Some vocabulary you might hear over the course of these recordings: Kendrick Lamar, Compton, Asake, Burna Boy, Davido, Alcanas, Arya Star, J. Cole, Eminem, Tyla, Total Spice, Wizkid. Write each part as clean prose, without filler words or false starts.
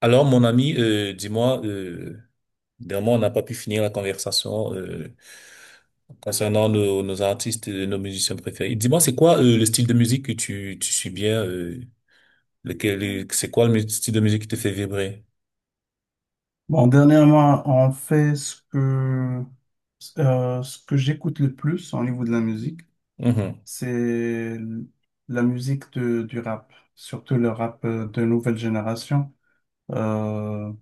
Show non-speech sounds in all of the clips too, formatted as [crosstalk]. Alors, mon ami, dis-moi, dernièrement, on n'a pas pu finir la conversation concernant nos artistes, et nos musiciens préférés. Dis-moi, c'est quoi le style de musique que tu suis bien, c'est quoi le style de musique qui te fait vibrer? Bon, dernièrement, on fait ce que j'écoute le plus au niveau de la musique, Mhm. c'est la musique du rap, surtout le rap de nouvelle génération. Euh,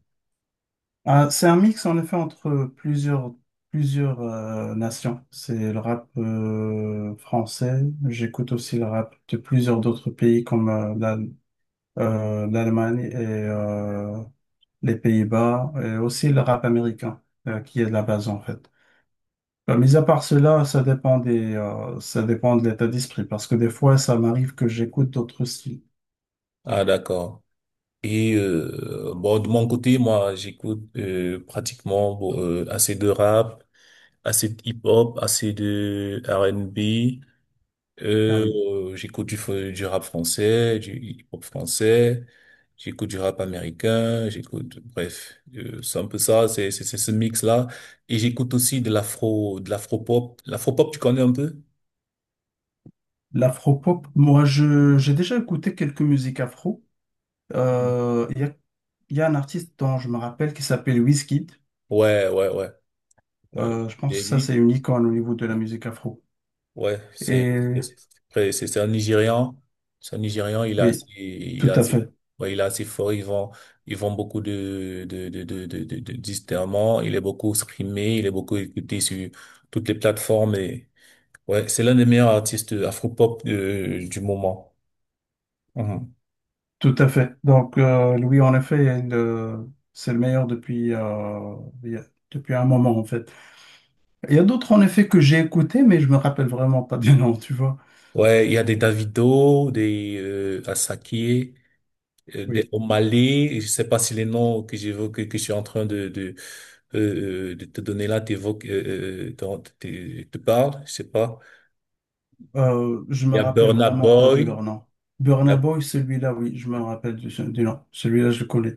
c'est un mix en effet entre plusieurs nations. C'est le rap français, j'écoute aussi le rap de plusieurs d'autres pays comme l'Allemagne, les Pays-Bas, et aussi le rap américain, qui est de la base en fait. Mis à part cela, ça dépend ça dépend de l'état d'esprit, parce que des fois, ça m'arrive que j'écoute d'autres styles. Ah, d'accord. Et bon, de mon côté, moi, j'écoute pratiquement bon, assez de rap, assez de hip-hop, assez de R&B. Ah oui. J'écoute du rap français, du hip-hop français, j'écoute du rap américain, j'écoute, bref, c'est un peu ça, c'est ce mix-là. Et j'écoute aussi de l'afro, de l'afro-pop. L'afro-pop, tu connais un peu? L'afro-pop, moi, j'ai déjà écouté quelques musiques afro. Mhm. Euh, Il y a, il y a un artiste dont je me rappelle qui s'appelle Wizkid. Ouais, ouais, ouais, ouais. Oui. Je pense Et que ça, c'est une icône au niveau de la musique afro. ouais, c'est Et c'est un Nigérian. C'est un Nigérian, oui, il tout a à assez, fait. ouais, il est assez fort, il vend beaucoup de disques, il est beaucoup streamé, il est beaucoup écouté sur toutes les plateformes et, ouais, c'est l'un des meilleurs artistes afro-pop du moment. Mhm. Tout à fait. Donc, Louis, en effet, c'est le meilleur depuis, il y a- depuis un moment, en fait. Il y a d'autres, en effet, que j'ai écoutés, mais je me rappelle vraiment pas du [laughs] nom, tu vois. Ouais, il y a des Davido, des Asake, Oui. au Mali. Je sais pas si les noms que j'évoque, que je suis en train de de te donner là, t'évoques, dont te parle, je sais pas. Je Il me y a rappelle Burna vraiment pas de Boy. leur nom. Il y Burna a- Boy, celui-là, oui, je me rappelle du nom. Celui-là, je le connais.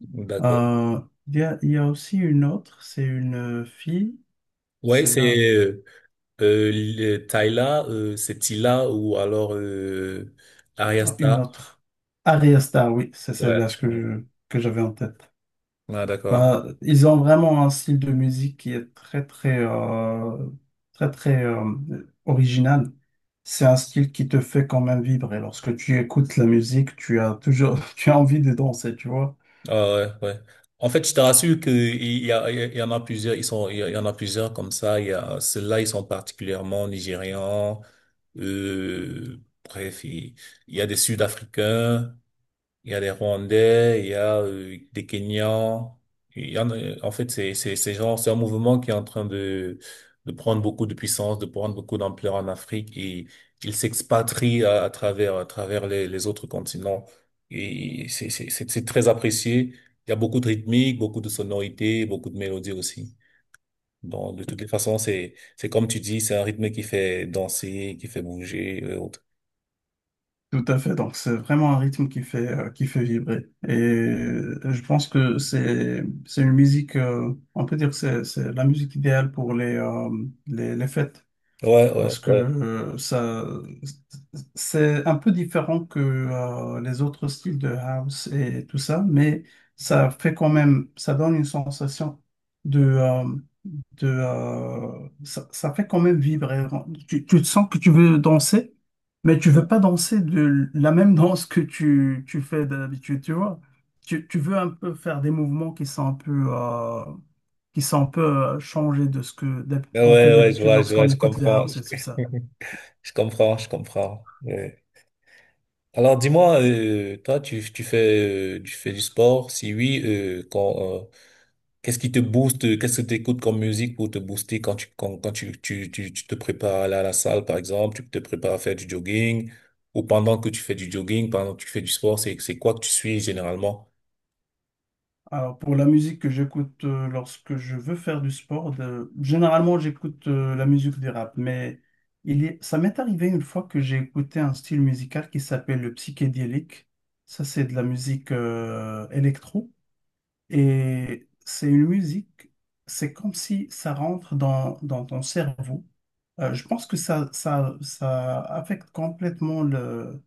D'accord. Euh, il y a aussi une autre, c'est une fille, Ouais, celle-là, c'est Tyla, c'est Tila ou alors Arya ah, une Star. autre. Arya Star, oui, c'est Ouais, celle-là ouais. Que j'avais en tête. Ah, d'accord. Bah, ils ont vraiment un style de musique qui est très très très très original. C'est un style qui te fait quand même vibrer. Lorsque tu écoutes la musique, tu as toujours [laughs] tu as envie de danser, tu vois. Ah ouais, ouais. En fait, je te rassure qu'il y a, il y en a plusieurs, ils sont, il y en a plusieurs comme ça. Il y a ceux-là, ils sont particulièrement nigérians. Euh, bref, il, il y a des Sud-Africains. Il y a des Rwandais, il y a des Kenyans. Il y en a, en fait, c'est genre, c'est un mouvement qui est en train de prendre beaucoup de puissance, de prendre beaucoup d'ampleur en Afrique et il s'expatrie à travers les autres continents. Et c'est très apprécié. Il y a beaucoup de rythmique, beaucoup de sonorités, beaucoup de mélodies aussi. Bon, de toutes les façons, c'est comme tu dis, c'est un rythme qui fait danser, qui fait bouger et autres. Tout à fait. Donc c'est vraiment un rythme qui fait vibrer. Et je pense que c'est une musique. On peut dire que c'est la musique idéale pour les les fêtes. Ouais, ouais, Parce que ouais. Ça, c'est un peu différent que les autres styles de house et tout ça, mais ça fait quand même, ça donne une sensation de ça, ça fait quand même vibrer. Tu te sens que tu veux danser, mais tu veux pas danser de la même danse que tu fais d'habitude, tu vois. Tu veux un peu faire des mouvements qui sont un peu, qui sont un peu changés de ce que Ouais, on fait ouais, ouais, d'habitude lorsqu'on écoute les house et tout ça. je comprends, je comprends. Oui. Alors, dis-moi, toi, tu fais du sport? Si oui, quand, qu'est-ce qui te booste? Qu'est-ce que tu écoutes comme musique pour te booster quand tu, quand, quand tu te prépares à aller à la salle, par exemple, tu te prépares à faire du jogging, ou pendant que tu fais du jogging, pendant que tu fais du sport, c'est quoi que tu suis généralement? Alors, pour la musique que j'écoute lorsque je veux faire du sport, généralement j'écoute la musique du rap, mais il est... ça m'est arrivé une fois que j'ai écouté un style musical qui s'appelle le psychédélique. Ça, c'est de la musique électro. Et c'est une musique, c'est comme si ça rentre dans ton cerveau. Je pense que ça affecte complètement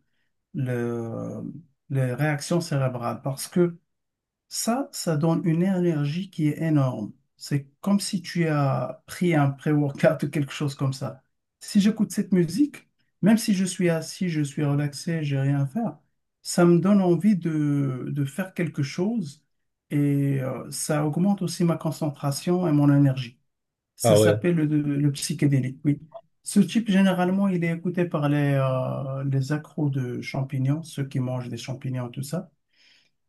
le, les réactions cérébrales parce que ça donne une énergie qui est énorme. C'est comme si tu as pris un pré-workout ou quelque chose comme ça. Si j'écoute cette musique, même si je suis assis, je suis relaxé, j'ai rien à faire, ça me donne envie de faire quelque chose et ça augmente aussi ma concentration et mon énergie. Ah Ça ouais. s'appelle le psychédélique, oui. Ce type, généralement, il est écouté par les accros de champignons, ceux qui mangent des champignons, tout ça.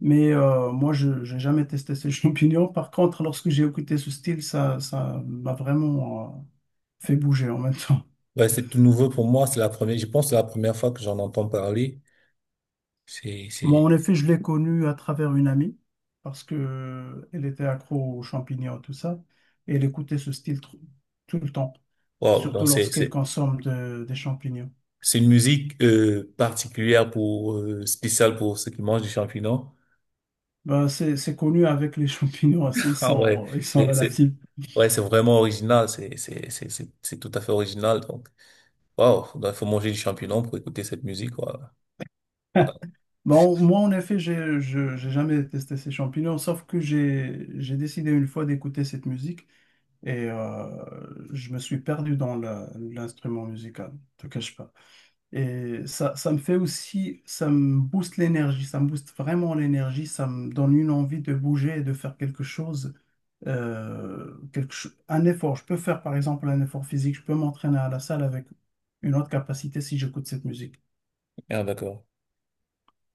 Mais moi, je n'ai jamais testé ces [laughs] champignons. Par contre, lorsque j'ai écouté ce style, ça m'a vraiment fait bouger en même temps. Ouais, c'est tout nouveau pour moi. C'est la première, je pense que c'est la première fois que j'en entends parler. C'est, Moi, c'est, en effet, je l'ai connu à travers une amie parce que elle était accro aux champignons, tout ça. Et elle écoutait ce style tout le temps, wow, non, surtout lorsqu'elle consomme des champignons. c'est une musique particulière pour spéciale pour ceux qui mangent des champignons. [laughs] Ben, c'est connu avec les champignons, [laughs] Ah ouais, ils sont c'est c'est- relatifs. ouais, c'est vraiment original, c'est tout à fait original donc. Waouh, il faut manger du champignon pour écouter cette musique quoi. Voilà. Bon, moi, en effet, j'ai jamais testé ces champignons, sauf que j'ai décidé une fois d'écouter cette musique et je me suis perdu dans l'instrument musical, je te cache pas. Et ça me fait aussi, ça me booste l'énergie, ça me booste vraiment l'énergie, ça me donne une envie de bouger et de faire quelque chose, un effort. Je peux faire, par exemple, un effort physique, je peux m'entraîner à la salle avec une autre capacité si j'écoute cette musique. Ah d'accord.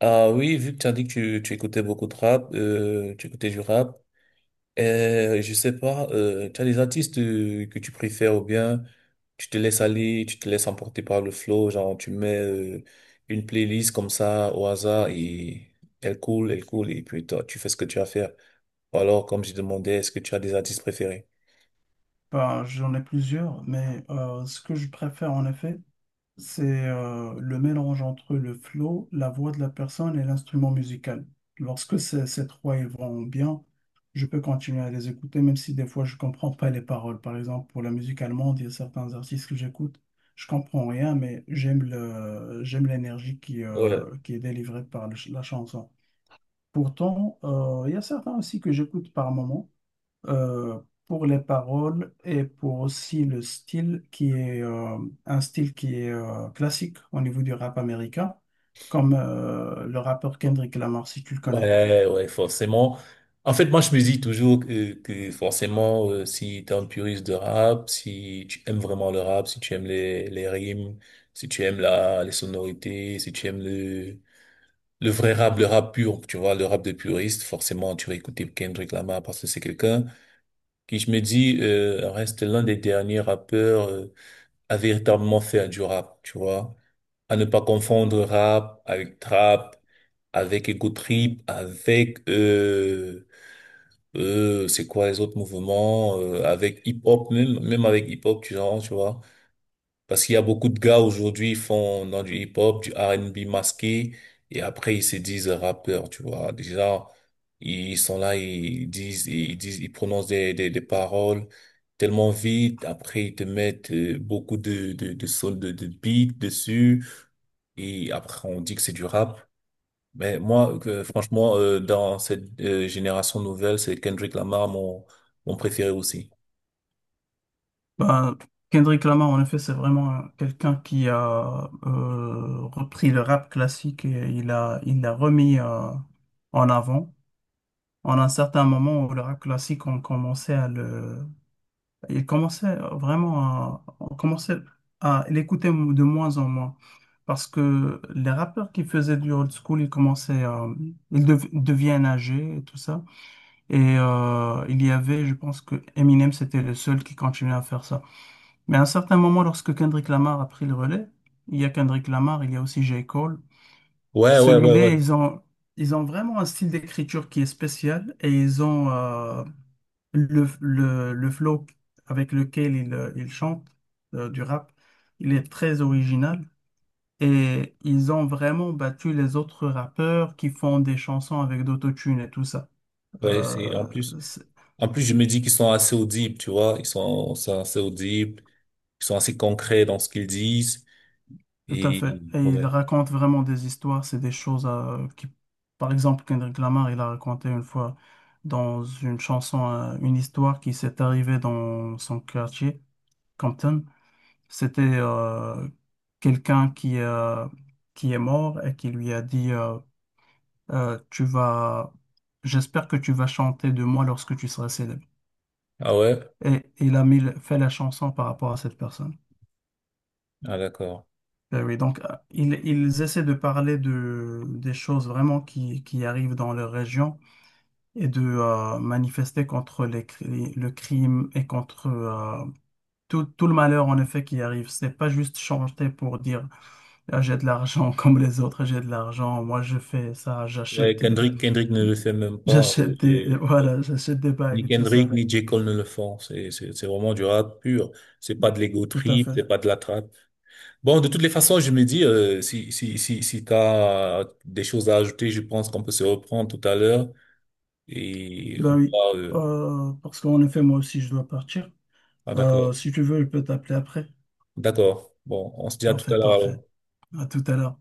Ah oui, vu que tu as dit que tu écoutais beaucoup de rap, tu écoutais du rap. Je sais pas, tu as des artistes que tu préfères ou bien tu te laisses aller, tu te laisses emporter par le flow, genre tu mets une playlist comme ça au hasard et elle coule et puis toi tu fais ce que tu as à faire. Ou alors comme je demandais, est-ce que tu as des artistes préférés? Bah, j'en ai plusieurs, mais ce que je préfère en effet, c'est le mélange entre le flow, la voix de la personne et l'instrument musical. Lorsque ces trois ils vont bien, je peux continuer à les écouter, même si des fois je comprends pas les paroles. Par exemple, pour la musique allemande, il y a certains artistes que j'écoute, je comprends rien, mais j'aime j'aime l'énergie Ouais, qui est délivrée par la chanson. Pourtant, il y a certains aussi que j'écoute par moment euh, pour les paroles et pour aussi le style qui est un style qui est classique au niveau du rap américain, comme le rappeur Kendrick Lamar, si tu le connais. ouais, ouais, forcément. En fait, moi, je me dis toujours que forcément, si t'es un puriste de rap, si tu aimes vraiment le rap, si tu aimes les rimes, si tu aimes les sonorités, si tu aimes le vrai rap, le rap pur, tu vois, le rap de puriste, forcément, tu vas écouter Kendrick Lamar parce que c'est quelqu'un qui, je me dis, reste l'un des derniers rappeurs à véritablement faire du rap, tu vois. À ne pas confondre rap avec trap, avec ego trip, avec, c'est quoi les autres mouvements, avec hip-hop, même avec hip-hop, tu genre, tu vois. Parce qu'il y a beaucoup de gars aujourd'hui, ils font dans du hip-hop, du R&B masqué, et après ils se disent rappeurs, tu vois. Déjà, ils sont là, ils prononcent des, des paroles tellement vite. Après, ils te mettent beaucoup de sons, de beats dessus, et après on dit que c'est du rap. Mais moi, franchement, dans cette génération nouvelle, c'est Kendrick Lamar mon, mon préféré aussi. Ben, Kendrick Lamar, en effet, c'est vraiment quelqu'un qui a repris le rap classique et il l'a remis en avant. En un certain moment où le rap classique, on commençait à le. Il commençait vraiment à, on commençait à l'écouter de moins en moins. Parce que les rappeurs qui faisaient du old school, ils commençaient, à deviennent âgés et tout ça. Et il y avait, je pense que Eminem, c'était le seul qui continuait à faire ça. Mais à un certain moment, lorsque Kendrick Lamar a pris le relais, il y a Kendrick Lamar, il y a aussi J. Cole. Ouais, ouais, ouais, Celui-là, ouais. Ils ont vraiment un style d'écriture qui est spécial et ils ont, le flow avec lequel ils chantent du rap, il est très original. Et ils ont vraiment battu les autres rappeurs qui font des chansons avec d'autotune et tout ça. Ouais, c'est en Euh, plus. c'est- En plus, je me dis qu'ils sont assez audibles, tu vois. Sont assez audibles. Ils sont assez concrets dans ce qu'ils disent. tout à Et, fait. Et ils ouais. racontent vraiment des histoires. C'est des choses qui... Par exemple, Kendrick Lamar, il a raconté une fois dans une chanson une histoire qui s'est arrivée dans son quartier, Compton. C'était quelqu'un qui est mort et qui lui a dit tu vas, j'espère que tu vas chanter de moi lorsque tu seras célèbre. Ah ouais? Et il a mis, fait la chanson par rapport à cette personne. Ah d'accord. Ben oui, donc ils essaient de parler des choses vraiment qui arrivent dans leur région et de manifester contre le crime et contre tout le malheur en effet qui arrive. C'est pas juste chanter pour dire, ah, j'ai de l'argent [laughs] comme les autres, j'ai de l'argent. Moi, je fais ça, Ouais, Kendrick, Kendrick ne le fait même pas. J'achète des, [laughs] voilà, j'achète des Ni bagues et tout Kendrick, ça. ni J. Cole ne le font. C'est vraiment du rap pur. C'est pas de l'ego Tout à trip, fait. c'est pas de la trappe. Bon, de toutes les façons, je me dis, si t'as des choses à ajouter, je pense qu'on peut se reprendre tout à l'heure et on Ben oui. pourra, Parce qu'en effet, moi aussi, je dois partir. ah d'accord. Si tu veux, je peux t'appeler après. D'accord. Bon, on se dit à tout Parfait, à l'heure parfait. alors. À tout à l'heure.